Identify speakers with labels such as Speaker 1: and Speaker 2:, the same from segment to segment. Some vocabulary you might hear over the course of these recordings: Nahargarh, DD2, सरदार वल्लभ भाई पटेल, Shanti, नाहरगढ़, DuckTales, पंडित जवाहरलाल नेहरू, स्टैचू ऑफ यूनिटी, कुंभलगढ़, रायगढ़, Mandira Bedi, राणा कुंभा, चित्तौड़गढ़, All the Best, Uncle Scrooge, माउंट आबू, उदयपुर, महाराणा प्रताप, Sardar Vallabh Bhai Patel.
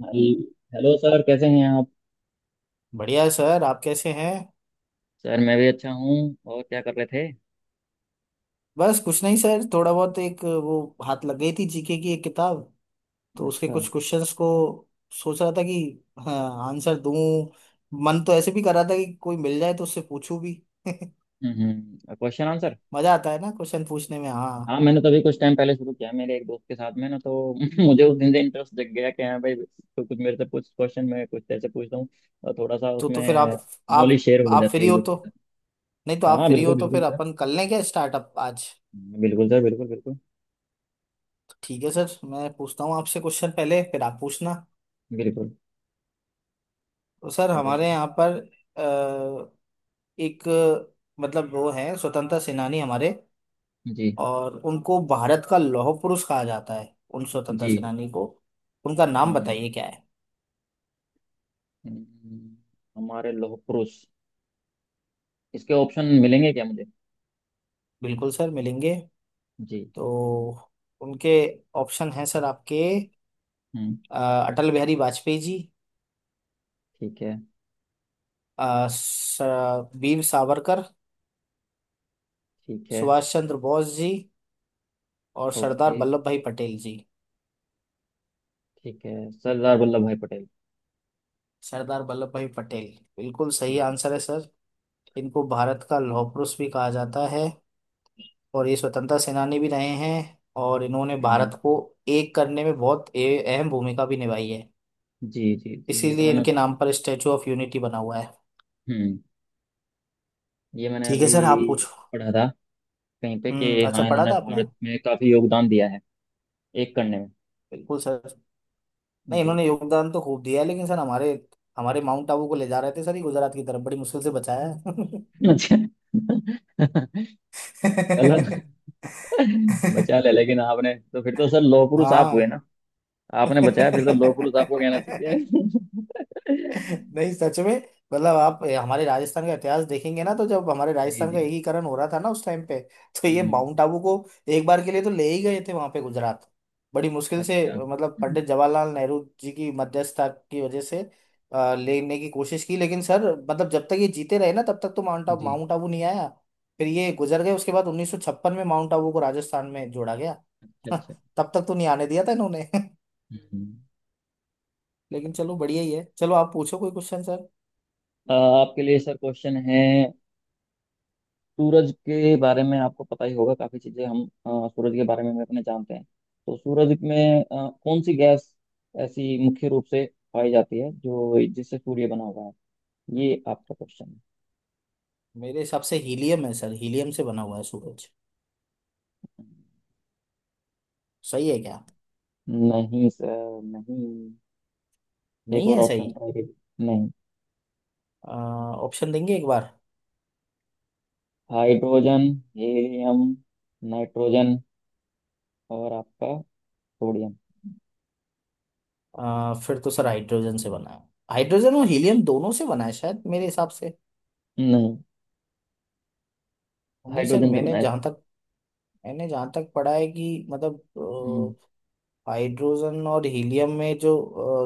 Speaker 1: भाई। Hello sir, कैसे हैं आप?
Speaker 2: बढ़िया है सर। आप कैसे हैं?
Speaker 1: सर मैं भी अच्छा हूँ। और क्या कर रहे थे?
Speaker 2: बस कुछ नहीं सर, थोड़ा बहुत एक वो हाथ लग गई थी जीके की एक किताब। तो उसके
Speaker 1: अच्छा।
Speaker 2: कुछ क्वेश्चंस को सोच रहा था कि हाँ, आंसर दूं। मन तो ऐसे भी कर रहा था कि कोई मिल जाए तो उससे पूछूं भी।
Speaker 1: हम्म, क्वेश्चन आंसर।
Speaker 2: मजा आता है ना क्वेश्चन पूछने में,
Speaker 1: हाँ,
Speaker 2: हाँ।
Speaker 1: मैंने तभी कुछ टाइम पहले शुरू किया है मेरे एक दोस्त के साथ में ना, तो मुझे उस दिन से इंटरेस्ट जग गया कि हाँ भाई, तो कुछ मेरे से कुछ क्वेश्चन, मैं कुछ तेरे से पूछता हूँ। और थोड़ा सा
Speaker 2: तो फिर
Speaker 1: उसमें
Speaker 2: आप
Speaker 1: नॉलेज
Speaker 2: आप
Speaker 1: शेयर हो
Speaker 2: आप
Speaker 1: जाती
Speaker 2: फ्री
Speaker 1: है एक
Speaker 2: हो
Speaker 1: दूसरे
Speaker 2: तो,
Speaker 1: के
Speaker 2: नहीं तो
Speaker 1: साथ।
Speaker 2: आप
Speaker 1: हाँ
Speaker 2: फ्री हो
Speaker 1: बिल्कुल
Speaker 2: तो
Speaker 1: बिल्कुल
Speaker 2: फिर
Speaker 1: सर।
Speaker 2: अपन कर लें क्या स्टार्टअप आज।
Speaker 1: बिल्कुल सर, बिल्कुल बिल्कुल।
Speaker 2: तो ठीक है सर, मैं पूछता हूँ आपसे क्वेश्चन पहले, फिर आप पूछना।
Speaker 1: बिल्कुल।
Speaker 2: तो सर
Speaker 1: सारा
Speaker 2: हमारे
Speaker 1: शुरू।
Speaker 2: यहाँ पर एक, मतलब वो है स्वतंत्रता सेनानी हमारे,
Speaker 1: जी
Speaker 2: और उनको भारत का लौह पुरुष कहा जाता है उन स्वतंत्रता
Speaker 1: जी,
Speaker 2: सेनानी को। उनका
Speaker 1: हाँ
Speaker 2: नाम
Speaker 1: जी, हाँ जी।
Speaker 2: बताइए क्या है।
Speaker 1: हम्म, हमारे लौह पुरुष। इसके ऑप्शन मिलेंगे क्या मुझे?
Speaker 2: बिल्कुल सर मिलेंगे।
Speaker 1: जी।
Speaker 2: तो उनके ऑप्शन हैं सर आपके।
Speaker 1: हम्म।
Speaker 2: अ, अटल बिहारी वाजपेयी जी।
Speaker 1: ठीक है।
Speaker 2: अ, स- वीर सावरकर।
Speaker 1: ठीक है।
Speaker 2: सुभाष चंद्र बोस जी। और
Speaker 1: ओके।
Speaker 2: सरदार वल्लभ भाई पटेल जी।
Speaker 1: ठीक है, सरदार वल्लभ भाई पटेल।
Speaker 2: सरदार वल्लभ भाई पटेल बिल्कुल सही
Speaker 1: जी।
Speaker 2: आंसर है सर। इनको भारत का लौह पुरुष भी कहा जाता है, और ये स्वतंत्रता सेनानी भी रहे हैं। और इन्होंने
Speaker 1: हम्म।
Speaker 2: भारत को एक करने में बहुत अहम भूमिका भी निभाई है।
Speaker 1: जी जी जी, ये तो
Speaker 2: इसीलिए
Speaker 1: मैंने।
Speaker 2: इनके नाम पर स्टैचू ऑफ यूनिटी बना हुआ है।
Speaker 1: हम्म, ये मैंने
Speaker 2: ठीक है
Speaker 1: अभी
Speaker 2: सर आप पूछो।
Speaker 1: पढ़ा था कहीं पे
Speaker 2: हम्म,
Speaker 1: कि
Speaker 2: अच्छा
Speaker 1: हाँ,
Speaker 2: पढ़ा
Speaker 1: इन्होंने
Speaker 2: था आपने।
Speaker 1: भारत में काफी योगदान दिया है एक करने में।
Speaker 2: बिल्कुल सर। नहीं
Speaker 1: जी।
Speaker 2: इन्होंने योगदान तो खूब दिया है, लेकिन सर हमारे हमारे माउंट आबू को ले जा रहे थे सर ये गुजरात की तरफ, बड़ी मुश्किल से बचाया है।
Speaker 1: अच्छा, चलो बचा ले। लेकिन आपने तो फिर तो सर लौह पुरुष आप हुए ना? आपने बचाया, फिर तो लौह पुरुष आपको कहना
Speaker 2: हाँ
Speaker 1: चाहिए।
Speaker 2: नहीं सच में, मतलब आप हमारे राजस्थान का इतिहास देखेंगे ना, तो जब हमारे
Speaker 1: जी
Speaker 2: राजस्थान
Speaker 1: जी।
Speaker 2: का एकीकरण हो रहा था ना, उस टाइम पे तो ये
Speaker 1: हम्म।
Speaker 2: माउंट आबू को एक बार के लिए तो ले ही गए थे वहां पे, गुजरात। बड़ी मुश्किल से,
Speaker 1: अच्छा।
Speaker 2: मतलब पंडित जवाहरलाल नेहरू जी की मध्यस्थता की वजह से लेने की कोशिश की, लेकिन सर मतलब जब तक ये जीते रहे ना, तब तक तो
Speaker 1: जी।
Speaker 2: माउंट आबू नहीं आया। फिर ये गुजर गए, उसके बाद 1956 में माउंट आबू को राजस्थान में जोड़ा गया।
Speaker 1: अच्छा अच्छा।
Speaker 2: तब तक तो नहीं आने दिया था इन्होंने
Speaker 1: हम्म।
Speaker 2: लेकिन चलो, बढ़िया ही है। चलो आप पूछो कोई क्वेश्चन।
Speaker 1: आपके लिए सर क्वेश्चन है। सूरज के बारे में आपको पता ही होगा, काफी चीजें सूरज के बारे में हम अपने जानते हैं। तो सूरज में कौन सी गैस ऐसी मुख्य रूप से पाई जाती है जो जिससे सूर्य बना हुआ है? ये आपका क्वेश्चन है।
Speaker 2: मेरे हिसाब से हीलियम है सर, हीलियम से बना हुआ है सूरज। सही है क्या?
Speaker 1: नहीं सर, नहीं। एक
Speaker 2: नहीं
Speaker 1: और
Speaker 2: है सही?
Speaker 1: ऑप्शन ट्राई कीजिए। नहीं।
Speaker 2: अ, ऑप्शन देंगे एक बार?
Speaker 1: हाइड्रोजन, हीलियम, नाइट्रोजन और आपका सोडियम।
Speaker 2: फिर तो सर हाइड्रोजन से बना है। हाइड्रोजन और हीलियम दोनों से बना है शायद, मेरे हिसाब से।
Speaker 1: नहीं,
Speaker 2: नहीं सर,
Speaker 1: हाइड्रोजन से बनाया था।
Speaker 2: मैंने जहाँ तक पढ़ा है कि मतलब
Speaker 1: हम्म।
Speaker 2: हाइड्रोजन और हीलियम में जो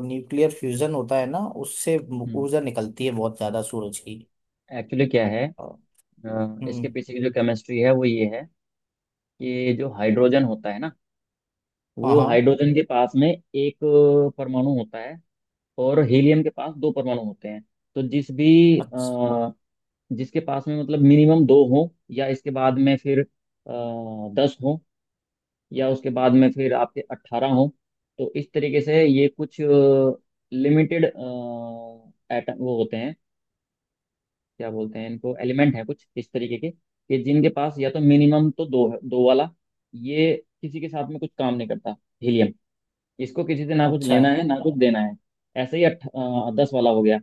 Speaker 2: न्यूक्लियर फ्यूजन होता है ना, उससे
Speaker 1: हम्म,
Speaker 2: ऊर्जा निकलती है बहुत ज्यादा सूरज की।
Speaker 1: एक्चुअली क्या है,
Speaker 2: अ,
Speaker 1: इसके
Speaker 2: हम्म।
Speaker 1: पीछे की जो केमिस्ट्री है वो ये है कि जो हाइड्रोजन होता है ना,
Speaker 2: हाँ
Speaker 1: वो
Speaker 2: हाँ।
Speaker 1: हाइड्रोजन के पास में एक परमाणु होता है, और हीलियम के पास दो परमाणु होते हैं। तो
Speaker 2: अच्छा
Speaker 1: जिसके पास में मतलब मिनिमम दो हो, या इसके बाद में फिर 10 हो, या उसके बाद में फिर आपके 18 हो। तो इस तरीके से ये कुछ लिमिटेड एटम वो होते हैं, क्या बोलते हैं इनको, एलिमेंट है कुछ इस तरीके के कि जिनके पास या तो मिनिमम तो दो है। दो वाला ये किसी के साथ में कुछ काम नहीं करता, हीलियम। इसको किसी से ना कुछ
Speaker 2: अच्छा।
Speaker 1: लेना है ना कुछ देना है। ऐसे ही 10 वाला हो गया,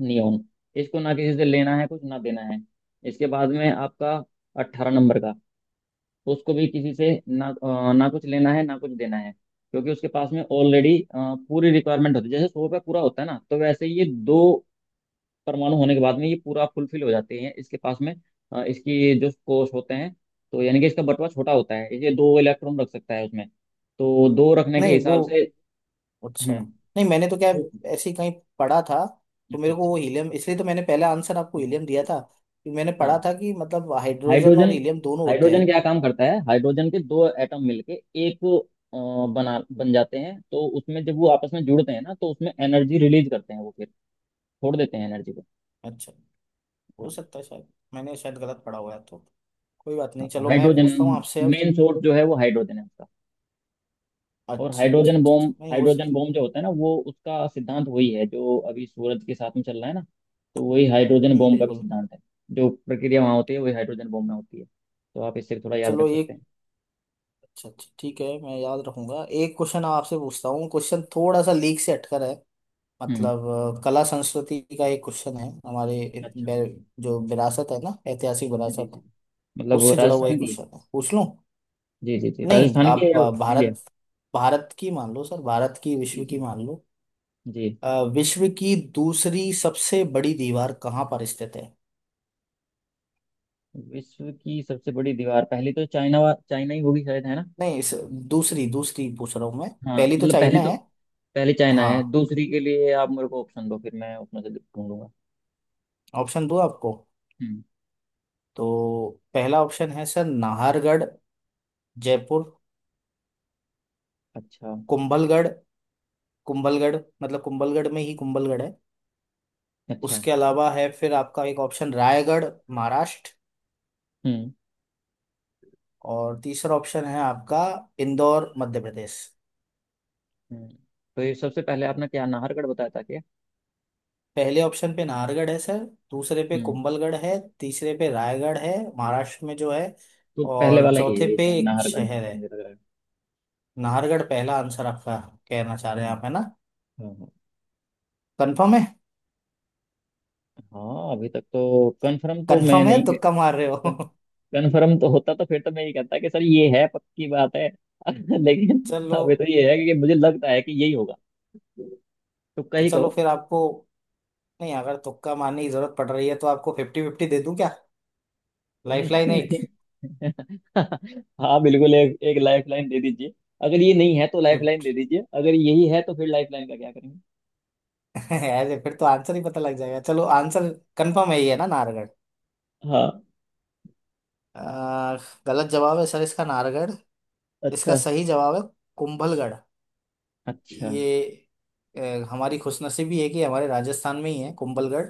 Speaker 1: नियोन। इसको ना किसी से लेना है कुछ ना देना है। इसके बाद में आपका 18 नंबर का, उसको भी किसी से ना कुछ लेना है ना कुछ देना है, क्योंकि उसके पास में ऑलरेडी पूरी रिक्वायरमेंट होती है। जैसे 100 रुपया पूरा होता है ना, तो वैसे ये दो परमाणु होने के बाद में ये पूरा फुलफिल हो जाते हैं इसके पास में। इसकी जो कोश होते हैं, तो यानी कि इसका बटवा छोटा होता है। ये दो इलेक्ट्रॉन रख सकता है उसमें, तो दो रखने के
Speaker 2: नहीं वो,
Speaker 1: हिसाब से।
Speaker 2: अच्छा।
Speaker 1: हम्म,
Speaker 2: नहीं मैंने तो क्या,
Speaker 1: तो-
Speaker 2: ऐसे ही कहीं पढ़ा था तो,
Speaker 1: अच्छा
Speaker 2: मेरे को
Speaker 1: अच्छा।
Speaker 2: वो हीलियम, इसलिए तो मैंने पहला आंसर आपको
Speaker 1: हम्म,
Speaker 2: हीलियम दिया था, कि मैंने
Speaker 1: हाँ
Speaker 2: पढ़ा था कि मतलब हाइड्रोजन
Speaker 1: हाइड्रोजन।
Speaker 2: और हीलियम दोनों होते
Speaker 1: हाइड्रोजन
Speaker 2: हैं।
Speaker 1: क्या काम करता है, हाइड्रोजन के दो एटम मिलके एक अ, बना बन जाते हैं, तो उसमें जब वो आपस में जुड़ते हैं ना, तो उसमें एनर्जी रिलीज करते हैं। वो फिर छोड़ देते हैं एनर्जी को।
Speaker 2: अच्छा, हो
Speaker 1: हाँ
Speaker 2: सकता है शायद मैंने शायद गलत पढ़ा हुआ है, तो कोई बात
Speaker 1: हाँ,
Speaker 2: नहीं।
Speaker 1: तो
Speaker 2: चलो मैं
Speaker 1: हाइड्रोजन
Speaker 2: पूछता हूँ आपसे अब।
Speaker 1: मेन सोर्स जो है वो हाइड्रोजन है। और
Speaker 2: अच्छा अच्छा
Speaker 1: हाइड्रोजन
Speaker 2: अच्छा अच्छा,
Speaker 1: बॉम्ब,
Speaker 2: नहीं हो
Speaker 1: हाइड्रोजन
Speaker 2: सकता।
Speaker 1: बॉम्ब जो होता है ना, वो उसका सिद्धांत वही है जो अभी सूरज के साथ में चल रहा है ना, तो वही हाइड्रोजन
Speaker 2: हम्म,
Speaker 1: बॉम्ब का भी
Speaker 2: बिल्कुल।
Speaker 1: सिद्धांत है। जो प्रक्रिया वहाँ होती है वही हाइड्रोजन बॉम्ब में होती है, तो आप इससे थोड़ा याद रख
Speaker 2: चलो
Speaker 1: सकते
Speaker 2: एक,
Speaker 1: हैं।
Speaker 2: अच्छा अच्छा, ठीक है, मैं याद रखूंगा। एक क्वेश्चन आपसे पूछता हूँ, क्वेश्चन थोड़ा सा लीक से हटकर है,
Speaker 1: हम्म।
Speaker 2: मतलब कला संस्कृति का एक क्वेश्चन है। हमारे
Speaker 1: अच्छा।
Speaker 2: जो विरासत है ना, ऐतिहासिक
Speaker 1: जी
Speaker 2: विरासत,
Speaker 1: जी, मतलब वो
Speaker 2: उससे जुड़ा हुआ एक
Speaker 1: राजस्थान की।
Speaker 2: क्वेश्चन है, पूछ लूं?
Speaker 1: जी जी जी,
Speaker 2: नहीं
Speaker 1: राजस्थान की है
Speaker 2: आप,
Speaker 1: या इंडिया?
Speaker 2: भारत भारत की मान लो सर, भारत की,
Speaker 1: जी
Speaker 2: विश्व की
Speaker 1: जी
Speaker 2: मान लो।
Speaker 1: जी।
Speaker 2: विश्व की दूसरी सबसे बड़ी दीवार कहाँ पर स्थित है?
Speaker 1: विश्व की सबसे बड़ी दीवार पहली तो चाइना ही होगी शायद, है ना?
Speaker 2: नहीं इस, दूसरी दूसरी पूछ रहा हूँ मैं।
Speaker 1: हाँ,
Speaker 2: पहली तो चाइना है।
Speaker 1: पहली चाइना
Speaker 2: हाँ,
Speaker 1: है। दूसरी के लिए आप मेरे को ऑप्शन दो, फिर मैं उसमें से ढूंढूंगा।
Speaker 2: ऑप्शन दो आपको।
Speaker 1: हम्म।
Speaker 2: तो पहला ऑप्शन है सर, नाहरगढ़ जयपुर।
Speaker 1: अच्छा
Speaker 2: कुंभलगढ़, कुंभलगढ़, मतलब कुंभलगढ़ में ही कुंभलगढ़ है।
Speaker 1: अच्छा।
Speaker 2: उसके अलावा है फिर आपका एक ऑप्शन, रायगढ़ महाराष्ट्र।
Speaker 1: हम्म।
Speaker 2: और तीसरा ऑप्शन है आपका, इंदौर मध्य प्रदेश।
Speaker 1: हम्म। तो ये सबसे पहले आपने क्या नाहरगढ़ बताया था क्या?
Speaker 2: पहले ऑप्शन पे नाहरगढ़ है सर, दूसरे पे
Speaker 1: हम्म,
Speaker 2: कुंभलगढ़ है, तीसरे पे रायगढ़ है महाराष्ट्र में जो है,
Speaker 1: तो पहले
Speaker 2: और
Speaker 1: वाला ही है
Speaker 2: चौथे
Speaker 1: ये
Speaker 2: पे
Speaker 1: शायद,
Speaker 2: एक
Speaker 1: नाहरगढ़, जहाँ
Speaker 2: शहर
Speaker 1: तक
Speaker 2: है।
Speaker 1: मुझे लग रहा है।
Speaker 2: नाहरगढ़ पहला आंसर आपका, कहना चाह रहे
Speaker 1: हाँ।
Speaker 2: हैं आप, है ना?
Speaker 1: हाँ हाँ।
Speaker 2: कंफर्म है?
Speaker 1: हाँ, अभी तक तो कंफर्म तो मैं
Speaker 2: कंफर्म है,
Speaker 1: नहीं गया।
Speaker 2: तुक्का मार रहे हो?
Speaker 1: कंफर्म तो होता तो फिर तो मैं ये कहता कि सर ये है, पक्की बात है, लेकिन
Speaker 2: चलो।
Speaker 1: अभी तो ये है कि मुझे लगता है कि यही होगा। तुक्का
Speaker 2: तो
Speaker 1: ही
Speaker 2: चलो
Speaker 1: कहो।
Speaker 2: फिर आपको, नहीं, अगर तुक्का मारने की जरूरत पड़ रही है तो आपको 50-50 दे दूं क्या, लाइफलाइन एक,
Speaker 1: नहीं। हाँ बिल्कुल, एक एक लाइफ लाइन दे दीजिए। अगर ये नहीं है तो लाइफ लाइन दे
Speaker 2: 50?
Speaker 1: दीजिए, अगर यही है तो फिर लाइफ लाइन का क्या करेंगे?
Speaker 2: ऐसे फिर तो आंसर ही पता लग जाएगा। चलो, आंसर कंफर्म है ही, है ना नाहरगढ़?
Speaker 1: हाँ।
Speaker 2: आ, गलत जवाब है सर इसका, नाहरगढ़। इसका
Speaker 1: अच्छा
Speaker 2: सही जवाब है कुंभलगढ़।
Speaker 1: अच्छा
Speaker 2: ये अ, हमारी खुशनसीबी है कि हमारे राजस्थान में ही है कुंभलगढ़,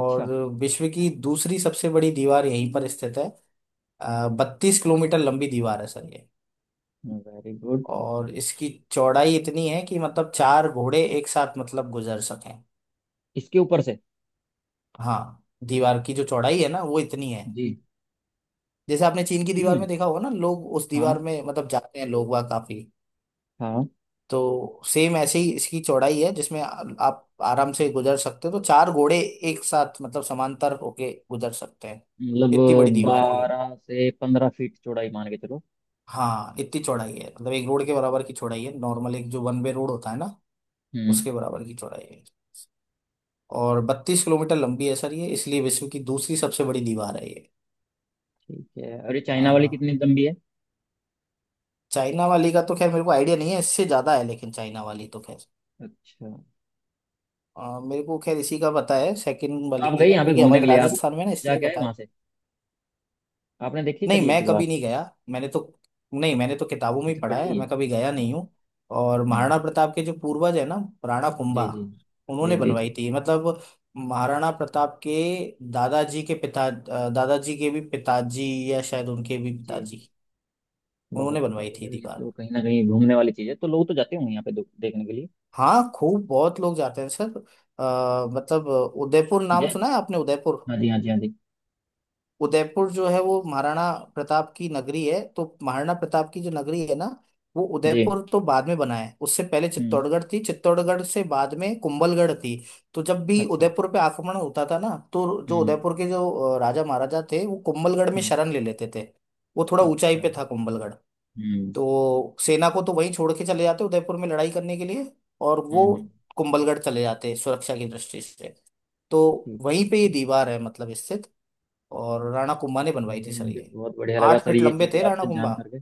Speaker 1: अच्छा।
Speaker 2: विश्व की दूसरी सबसे बड़ी दीवार यहीं पर स्थित है। 32 किलोमीटर लंबी दीवार है सर ये,
Speaker 1: वेरी गुड।
Speaker 2: और इसकी चौड़ाई इतनी है कि मतलब चार घोड़े एक साथ मतलब गुजर सकें।
Speaker 1: इसके ऊपर से।
Speaker 2: हाँ, दीवार की जो चौड़ाई है ना, वो इतनी है।
Speaker 1: जी।
Speaker 2: जैसे आपने चीन की
Speaker 1: जी
Speaker 2: दीवार
Speaker 1: में।
Speaker 2: में देखा होगा ना, लोग उस दीवार
Speaker 1: हाँ।
Speaker 2: में मतलब जाते हैं, लोग वहाँ काफी।
Speaker 1: हाँ,
Speaker 2: तो सेम ऐसे ही इसकी चौड़ाई है, जिसमें आप आराम से गुजर सकते हो, तो चार घोड़े एक साथ मतलब समांतर होके गुजर सकते हैं,
Speaker 1: मतलब
Speaker 2: इतनी बड़ी दीवार है ये।
Speaker 1: 12 से 15 फीट चौड़ाई मान के चलो।
Speaker 2: हाँ इतनी चौड़ाई है, मतलब एक रोड के बराबर की चौड़ाई है, नॉर्मल एक जो वन वे रोड होता है ना,
Speaker 1: हम्म।
Speaker 2: उसके बराबर की चौड़ाई है। और 32 किलोमीटर लंबी है सर ये, इसलिए विश्व की दूसरी सबसे बड़ी दीवार है ये।
Speaker 1: ठीक है, और ये चाइना वाली
Speaker 2: हाँ।
Speaker 1: कितनी लंबी है?
Speaker 2: चाइना वाली का तो खैर मेरे को आइडिया नहीं है, इससे ज्यादा है, लेकिन चाइना वाली तो खैर,
Speaker 1: अच्छा,
Speaker 2: मेरे को खैर इसी का पता है, सेकंड
Speaker 1: तो
Speaker 2: वाली
Speaker 1: आप गई
Speaker 2: का,
Speaker 1: यहाँ पे
Speaker 2: क्योंकि
Speaker 1: घूमने के
Speaker 2: हमारे
Speaker 1: लिए? आप
Speaker 2: राजस्थान में ना, इसलिए
Speaker 1: जाके आए
Speaker 2: पता
Speaker 1: वहां
Speaker 2: है।
Speaker 1: से? आपने देखी
Speaker 2: नहीं
Speaker 1: सर ये
Speaker 2: मैं
Speaker 1: दीवार?
Speaker 2: कभी नहीं गया। मैंने तो नहीं, मैंने तो किताबों में ही
Speaker 1: अच्छा,
Speaker 2: पढ़ा है,
Speaker 1: पढ़ी है।
Speaker 2: मैं कभी गया नहीं
Speaker 1: अच्छा,
Speaker 2: हूँ। और
Speaker 1: हम्म।
Speaker 2: महाराणा प्रताप के जो पूर्वज है ना, राणा
Speaker 1: जी
Speaker 2: कुंभा,
Speaker 1: जी जी।
Speaker 2: उन्होंने
Speaker 1: जी
Speaker 2: बनवाई
Speaker 1: जी
Speaker 2: थी मतलब। महाराणा प्रताप के दादाजी के पिता, दादाजी के भी पिताजी, या शायद उनके भी
Speaker 1: जी।
Speaker 2: पिताजी, उन्होंने
Speaker 1: बहुत
Speaker 2: बनवाई थी
Speaker 1: बढ़िया, ये
Speaker 2: दीवार।
Speaker 1: तो कहीं ना कहीं घूमने वाली चीज है, तो लोग तो जाते होंगे यहाँ पे देखने के लिए।
Speaker 2: हाँ खूब, बहुत लोग जाते हैं सर। मतलब उदयपुर
Speaker 1: जय।
Speaker 2: नाम सुना है आपने, उदयपुर?
Speaker 1: हाँ जी, हाँ जी, हाँ जी।
Speaker 2: उदयपुर जो है वो महाराणा प्रताप की नगरी है, तो महाराणा प्रताप की जो नगरी है ना, वो
Speaker 1: जी।
Speaker 2: उदयपुर तो बाद में बना है, उससे पहले
Speaker 1: हम्म।
Speaker 2: चित्तौड़गढ़ थी, चित्तौड़गढ़ से बाद में कुंभलगढ़ थी। तो जब भी
Speaker 1: अच्छा।
Speaker 2: उदयपुर पे आक्रमण होता था ना, तो जो
Speaker 1: हम्म।
Speaker 2: उदयपुर के जो राजा महाराजा थे, वो कुंभलगढ़ में
Speaker 1: हम्म,
Speaker 2: शरण ले लेते थे। वो थोड़ा ऊंचाई
Speaker 1: अच्छा।
Speaker 2: पे था कुंभलगढ़।
Speaker 1: हम्म।
Speaker 2: तो सेना को तो वहीं छोड़ के चले जाते उदयपुर में लड़ाई करने के लिए, और वो
Speaker 1: हम्म।
Speaker 2: कुंभलगढ़ चले जाते सुरक्षा की दृष्टि से। तो
Speaker 1: ठीक
Speaker 2: वहीं
Speaker 1: ठीक
Speaker 2: पे ये
Speaker 1: ठीक।
Speaker 2: दीवार है मतलब, इससे, और राणा कुंभा ने बनवाई थी
Speaker 1: चलिए,
Speaker 2: सर
Speaker 1: मुझे
Speaker 2: ये।
Speaker 1: बहुत बढ़िया लगा
Speaker 2: आठ
Speaker 1: सर
Speaker 2: फीट
Speaker 1: ये
Speaker 2: लंबे
Speaker 1: चीज़
Speaker 2: थे राणा
Speaker 1: आपसे
Speaker 2: कुंभा।
Speaker 1: जान करके।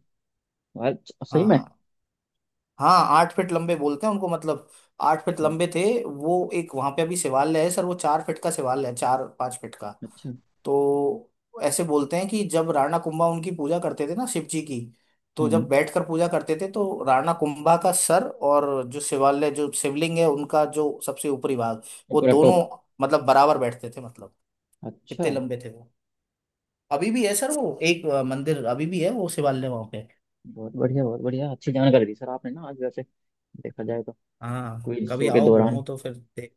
Speaker 1: आज सही में।
Speaker 2: हाँ हाँ, 8 फीट लंबे बोलते हैं उनको, मतलब 8 फीट
Speaker 1: हम्म,
Speaker 2: लंबे थे वो। एक वहां पे अभी शिवालय है सर, वो 4 फीट का शिवालय है, 4-5 फीट का।
Speaker 1: अच्छा।
Speaker 2: तो ऐसे बोलते हैं कि जब राणा कुंभा उनकी पूजा करते थे ना, शिव जी की, तो जब
Speaker 1: हम्म,
Speaker 2: बैठकर पूजा करते थे तो राणा कुंभा का सर, और जो शिवालय, जो शिवलिंग है उनका, जो सबसे ऊपरी भाग,
Speaker 1: ये
Speaker 2: वो
Speaker 1: पूरा
Speaker 2: दोनों
Speaker 1: टॉप।
Speaker 2: मतलब बराबर बैठते थे, मतलब
Speaker 1: अच्छा।
Speaker 2: इतने लंबे थे वो। अभी भी है सर वो एक मंदिर, अभी भी है वो शिवालय वहां पे।
Speaker 1: बहुत बढ़िया बहुत बढ़िया, अच्छी जानकारी दी सर आपने ना आज, वैसे देखा जाए तो
Speaker 2: हाँ
Speaker 1: क्विज
Speaker 2: कभी
Speaker 1: शो के
Speaker 2: आओ
Speaker 1: दौरान।
Speaker 2: घूमो तो फिर देख।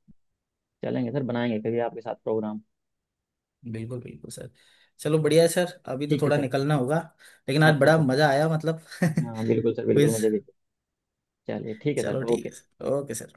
Speaker 1: चलेंगे सर, बनाएंगे कभी आपके साथ प्रोग्राम।
Speaker 2: बिल्कुल बिल्कुल सर। चलो बढ़िया है सर, अभी तो
Speaker 1: ठीक है
Speaker 2: थोड़ा
Speaker 1: सर।
Speaker 2: निकलना होगा, लेकिन आज
Speaker 1: अच्छा
Speaker 2: बड़ा
Speaker 1: अच्छा ठीक।
Speaker 2: मजा आया मतलब
Speaker 1: हाँ बिल्कुल सर, बिल्कुल
Speaker 2: क्विज,
Speaker 1: मुझे भी। चलिए ठीक है सर,
Speaker 2: चलो ठीक
Speaker 1: ओके।
Speaker 2: है सर, ओके सर।